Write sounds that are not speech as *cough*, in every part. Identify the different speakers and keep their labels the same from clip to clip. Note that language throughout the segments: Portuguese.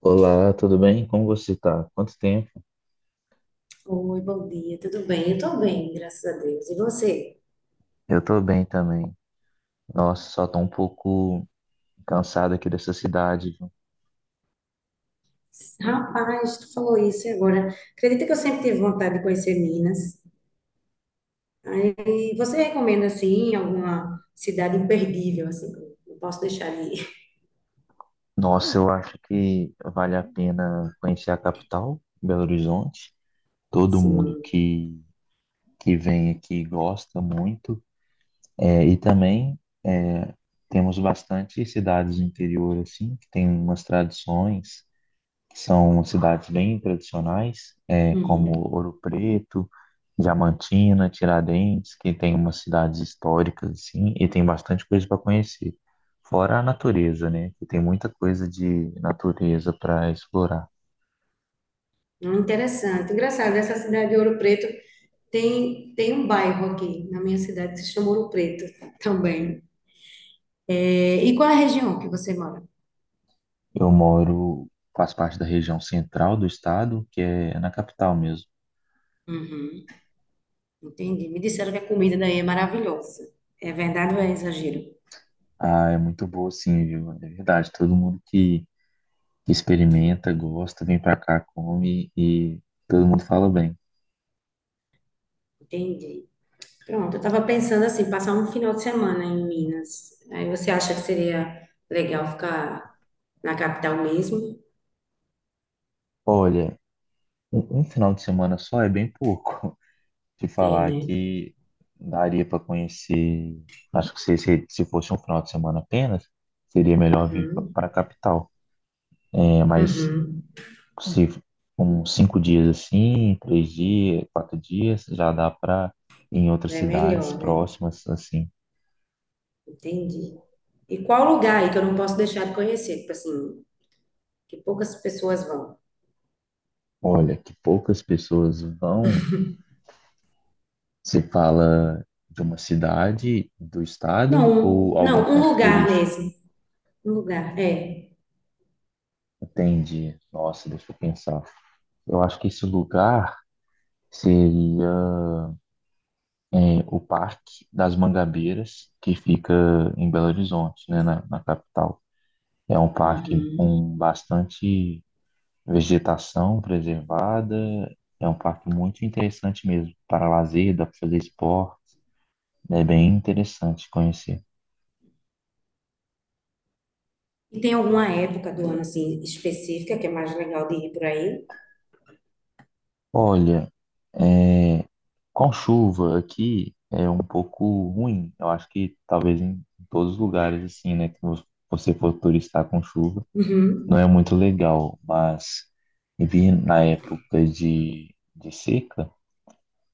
Speaker 1: Olá, tudo bem? Como você tá? Quanto tempo?
Speaker 2: Oi, bom dia, tudo bem? Eu tô bem, graças a Deus. E você?
Speaker 1: Eu tô bem também. Nossa, só tô um pouco cansado aqui dessa cidade, viu?
Speaker 2: Rapaz, tu falou isso e agora. Acredita que eu sempre tive vontade de conhecer Minas? Aí, você recomenda, assim, alguma cidade imperdível, assim, que eu não posso deixar de ir?
Speaker 1: Nossa, eu acho que vale a pena conhecer a capital, Belo Horizonte. Todo mundo
Speaker 2: Sim.
Speaker 1: que, que vem aqui gosta muito. E também é, temos bastante cidades do interior, assim, que tem umas tradições. São cidades bem tradicionais, como
Speaker 2: Uhum.
Speaker 1: Ouro Preto, Diamantina, Tiradentes, que tem umas cidades históricas assim, e tem bastante coisa para conhecer. Fora a natureza, né? Que tem muita coisa de natureza para explorar.
Speaker 2: Interessante. Engraçado, essa cidade de Ouro Preto tem um bairro aqui na minha cidade que se chama Ouro Preto também. É, e qual é a região que você mora?
Speaker 1: Eu moro, Faço parte da região central do estado, que é na capital mesmo.
Speaker 2: Uhum. Entendi. Me disseram que a comida daí é maravilhosa. É verdade ou é exagero?
Speaker 1: Ah, é muito boa, sim, viu? É verdade. Todo mundo que experimenta, gosta, vem para cá, come e todo mundo fala bem.
Speaker 2: Entendi. Pronto, eu estava pensando assim, passar um final de semana em Minas. Aí você acha que seria legal ficar na capital mesmo?
Speaker 1: Olha, um final de semana só é bem pouco. *laughs* Te
Speaker 2: É,
Speaker 1: falar
Speaker 2: né?
Speaker 1: que daria para conhecer. Acho que se fosse um final de semana apenas, seria melhor vir
Speaker 2: Uhum,
Speaker 1: para a capital. É, mas
Speaker 2: uhum.
Speaker 1: se uns cinco dias assim, três dias, quatro dias, já dá para ir em outras
Speaker 2: É
Speaker 1: cidades
Speaker 2: melhor, né?
Speaker 1: próximas assim.
Speaker 2: Entendi. E qual lugar aí que eu não posso deixar de conhecer? Tipo assim, que poucas pessoas vão.
Speaker 1: Olha, que poucas pessoas vão. Se fala de uma cidade, do estado
Speaker 2: Não,
Speaker 1: ou algum
Speaker 2: não, um
Speaker 1: ponto
Speaker 2: lugar
Speaker 1: turístico.
Speaker 2: mesmo. Um lugar, é.
Speaker 1: Entendi. Nossa, deixa eu pensar. Eu acho que esse lugar seria o Parque das Mangabeiras, que fica em Belo Horizonte, né, na capital. É um parque
Speaker 2: Uhum.
Speaker 1: com bastante vegetação preservada, é um parque muito interessante mesmo, para lazer, dá para fazer esporte, é bem interessante conhecer.
Speaker 2: E tem alguma época do ano assim específica que é mais legal de ir por aí?
Speaker 1: Olha, é, com chuva aqui é um pouco ruim. Eu acho que talvez em todos os lugares assim, né, que você for turistar com chuva,
Speaker 2: Uhum,
Speaker 1: não é muito legal. Mas vir na época de seca,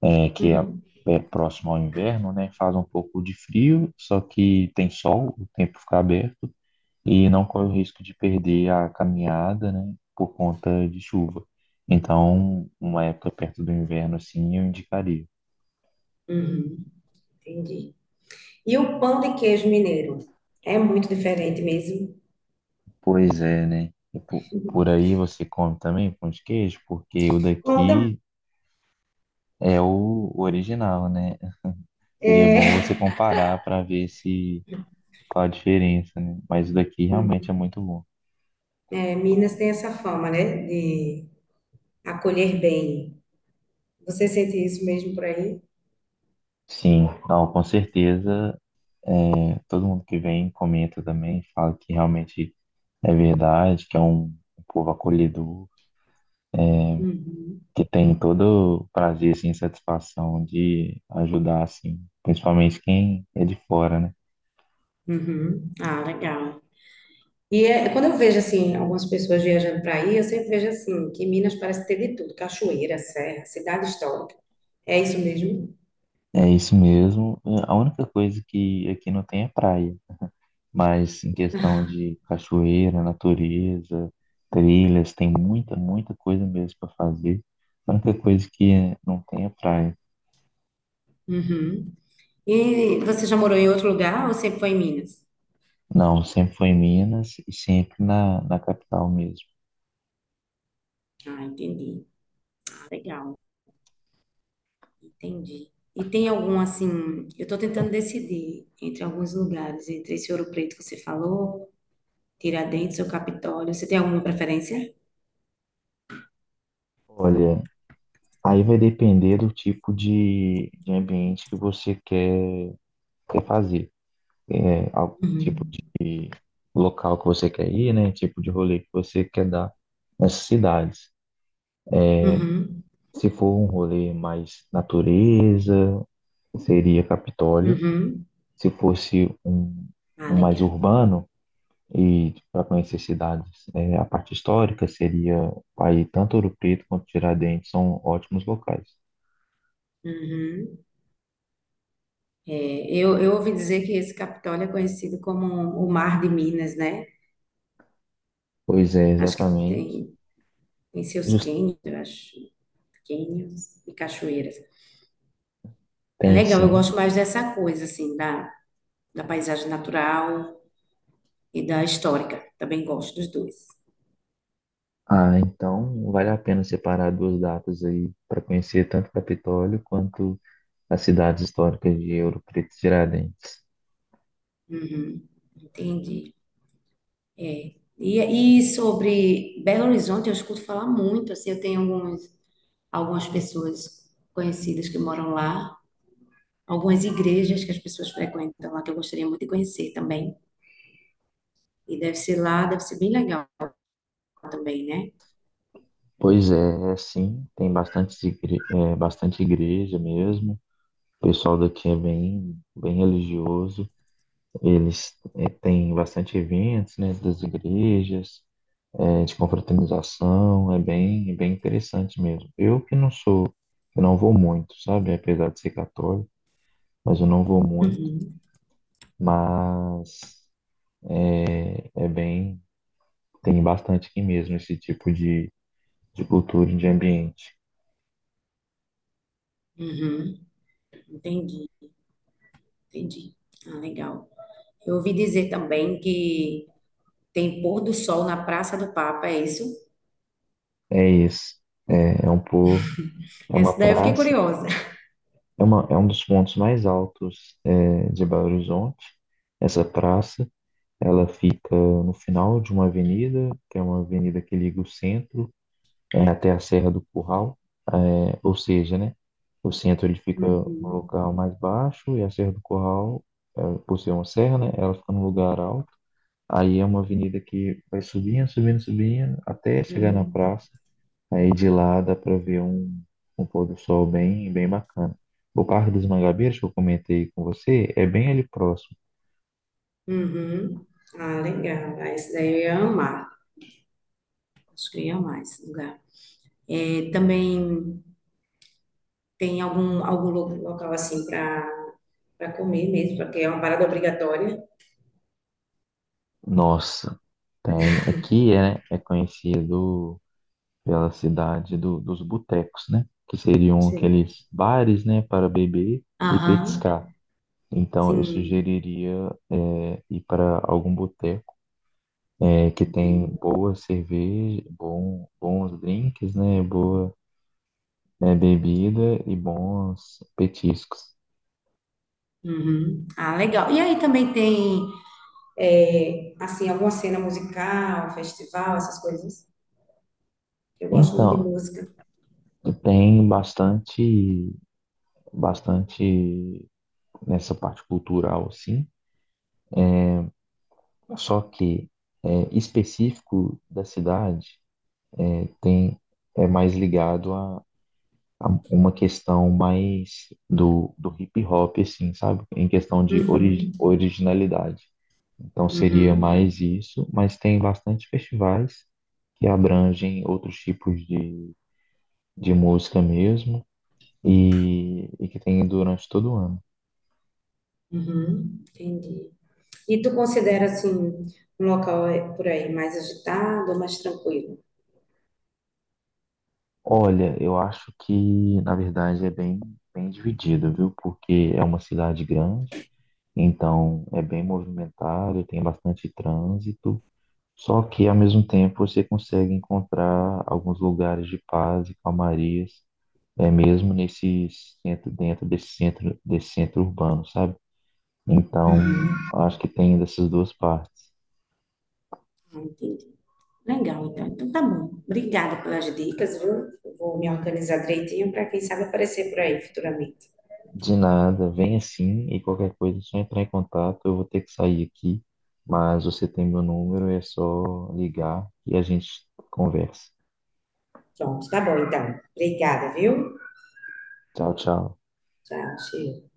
Speaker 1: é, que é,
Speaker 2: uhum,
Speaker 1: é próximo ao inverno, né, faz um pouco de frio, só que tem sol, o tempo fica aberto e não corre o risco de perder a caminhada, né, por conta de chuva. Então, uma época perto do inverno, assim, eu indicaria.
Speaker 2: uhum, entendi. E o pão de queijo mineiro é muito diferente mesmo.
Speaker 1: Pois é, né? Por aí você come também pão de queijo, porque o
Speaker 2: Como tam-
Speaker 1: daqui é o original, né? Seria bom
Speaker 2: é,
Speaker 1: você comparar para ver se qual a diferença, né? Mas o daqui realmente
Speaker 2: hum,
Speaker 1: é muito bom.
Speaker 2: é, Minas tem essa fama, né, de acolher bem. Você sente isso mesmo por aí?
Speaker 1: Sim, não, com certeza. Todo mundo que vem comenta também, fala que realmente é verdade, que é um povo acolhedor,
Speaker 2: Uhum,
Speaker 1: que tem todo o prazer, assim, satisfação de ajudar, assim, principalmente quem é de fora, né?
Speaker 2: uhum. Ah, legal. E é, quando eu vejo assim algumas pessoas viajando para aí, eu sempre vejo assim que Minas parece ter de tudo, cachoeira, serra, cidade histórica. É isso mesmo?
Speaker 1: É isso mesmo. A única coisa que aqui não tem é praia, mas em questão de cachoeira, natureza, trilhas, tem muita, muita coisa mesmo para fazer. A única coisa que não tem é praia.
Speaker 2: Uhum. E você já morou em outro lugar ou sempre foi em Minas?
Speaker 1: Não, sempre foi em Minas e sempre na capital mesmo.
Speaker 2: Ah, entendi. Legal, entendi. E tem algum assim, eu estou tentando decidir entre alguns lugares, entre esse Ouro Preto que você falou, Tiradentes ou Capitólio. Você tem alguma preferência?
Speaker 1: Olha, aí vai depender do tipo de ambiente que você quer, quer fazer, né? Tipo
Speaker 2: Uhum.
Speaker 1: de local que você quer ir, né? Tipo de rolê que você quer dar nessas cidades.
Speaker 2: Uhum.
Speaker 1: Se for um rolê mais natureza, seria Capitólio.
Speaker 2: Uhum.
Speaker 1: Se fosse
Speaker 2: Ah,
Speaker 1: um mais
Speaker 2: legal.
Speaker 1: urbano e para conhecer cidades, a parte histórica seria aí tanto Ouro Preto quanto Tiradentes são ótimos locais.
Speaker 2: Uhum. É, eu ouvi dizer que esse Capitólio é conhecido como o Mar de Minas, né?
Speaker 1: Pois é,
Speaker 2: Acho que
Speaker 1: exatamente.
Speaker 2: tem seus
Speaker 1: Jus-
Speaker 2: cânions, eu acho, cânions e cachoeiras. É
Speaker 1: Tem
Speaker 2: legal, eu
Speaker 1: sim.
Speaker 2: gosto mais dessa coisa, assim, da, da paisagem natural e da histórica. Também gosto dos dois.
Speaker 1: Ah, então vale a pena separar duas datas aí para conhecer tanto Capitólio quanto as cidades históricas de Ouro Preto e Tiradentes.
Speaker 2: Uhum, entendi. E sobre Belo Horizonte, eu escuto falar muito, assim, eu tenho alguns, algumas pessoas conhecidas que moram lá, algumas igrejas que as pessoas frequentam lá, que eu gostaria muito de conhecer também. E deve ser lá, deve ser bem legal também, né?
Speaker 1: Pois é, sim, tem bastante, bastante igreja mesmo. O pessoal daqui é bem, bem religioso. Eles têm bastante eventos, né, das igrejas, de confraternização. É bem, bem interessante mesmo. Eu que não sou, eu não vou muito, sabe? Apesar de ser católico, mas eu não vou muito.
Speaker 2: Uhum,
Speaker 1: Mas é bem, tem bastante aqui mesmo esse tipo de cultura, e de ambiente.
Speaker 2: uhum, entendi, entendi. Ah, legal. Eu ouvi dizer também que tem pôr do sol na Praça do Papa, é isso?
Speaker 1: É isso. É, é um pouco. É uma
Speaker 2: Essa daí eu fiquei
Speaker 1: praça,
Speaker 2: curiosa.
Speaker 1: é um dos pontos mais altos de Belo Horizonte. Essa praça, ela fica no final de uma avenida, que é uma avenida que liga o centro até a Serra do Curral, ou seja, né, o centro ele fica no
Speaker 2: Uhum,
Speaker 1: local mais baixo e a Serra do Curral, por ser uma serra, né, ela fica num lugar alto. Aí é uma avenida que vai subindo, subindo, subindo, até chegar na
Speaker 2: uhum,
Speaker 1: praça. Aí de lá dá para ver um pôr do sol bem, bem bacana. O Parque dos Mangabeiras que eu comentei com você é bem ali próximo.
Speaker 2: uhum. Ah, legal. Ah, esse daí eu ia amar. Acho que eu ia amar esse lugar. É, também tem algum local assim para comer mesmo, porque é uma parada obrigatória.
Speaker 1: Nossa, tem aqui é conhecido pela cidade dos botecos, né? Que seriam
Speaker 2: Sim.
Speaker 1: aqueles bares, né, para beber e
Speaker 2: Aham,
Speaker 1: petiscar. Então eu
Speaker 2: sim.
Speaker 1: sugeriria ir para algum boteco que tem
Speaker 2: Uhum.
Speaker 1: boa cerveja, bom, bons drinks, né? Boa né, bebida e bons petiscos.
Speaker 2: Uhum. Ah, legal. E aí também tem, é, assim, alguma cena musical, festival, essas coisas. Eu gosto muito de
Speaker 1: Então,
Speaker 2: música.
Speaker 1: tem bastante nessa parte cultural, sim. Só que específico da cidade é, tem é mais ligado a uma questão mais do hip hop, assim, sabe? Em questão de
Speaker 2: Uhum.
Speaker 1: originalidade. Então seria
Speaker 2: Uhum.
Speaker 1: mais isso, mas tem bastante festivais que abrangem outros tipos de música mesmo e que tem durante todo o ano.
Speaker 2: Uhum, entendi. E tu considera assim um local é, por aí mais agitado ou mais tranquilo?
Speaker 1: Olha, eu acho que na verdade é bem, bem dividido, viu? Porque é uma cidade grande, então é bem movimentado, tem bastante trânsito, só que ao mesmo tempo você consegue encontrar alguns lugares de paz e calmarias, mesmo nesse centro, dentro desse centro urbano, sabe? Então, acho que tem dessas duas partes.
Speaker 2: Ah, entendi. Legal, então. Então tá bom. Obrigada pelas dicas, viu? Eu vou me organizar direitinho para quem sabe aparecer por aí futuramente.
Speaker 1: De nada, vem assim e qualquer coisa é só entrar em contato. Eu vou ter que sair aqui, mas você tem meu número, é só ligar e a gente conversa.
Speaker 2: Pronto, tá bom então. Obrigada, viu?
Speaker 1: Tchau, tchau.
Speaker 2: Tchau, cheiro.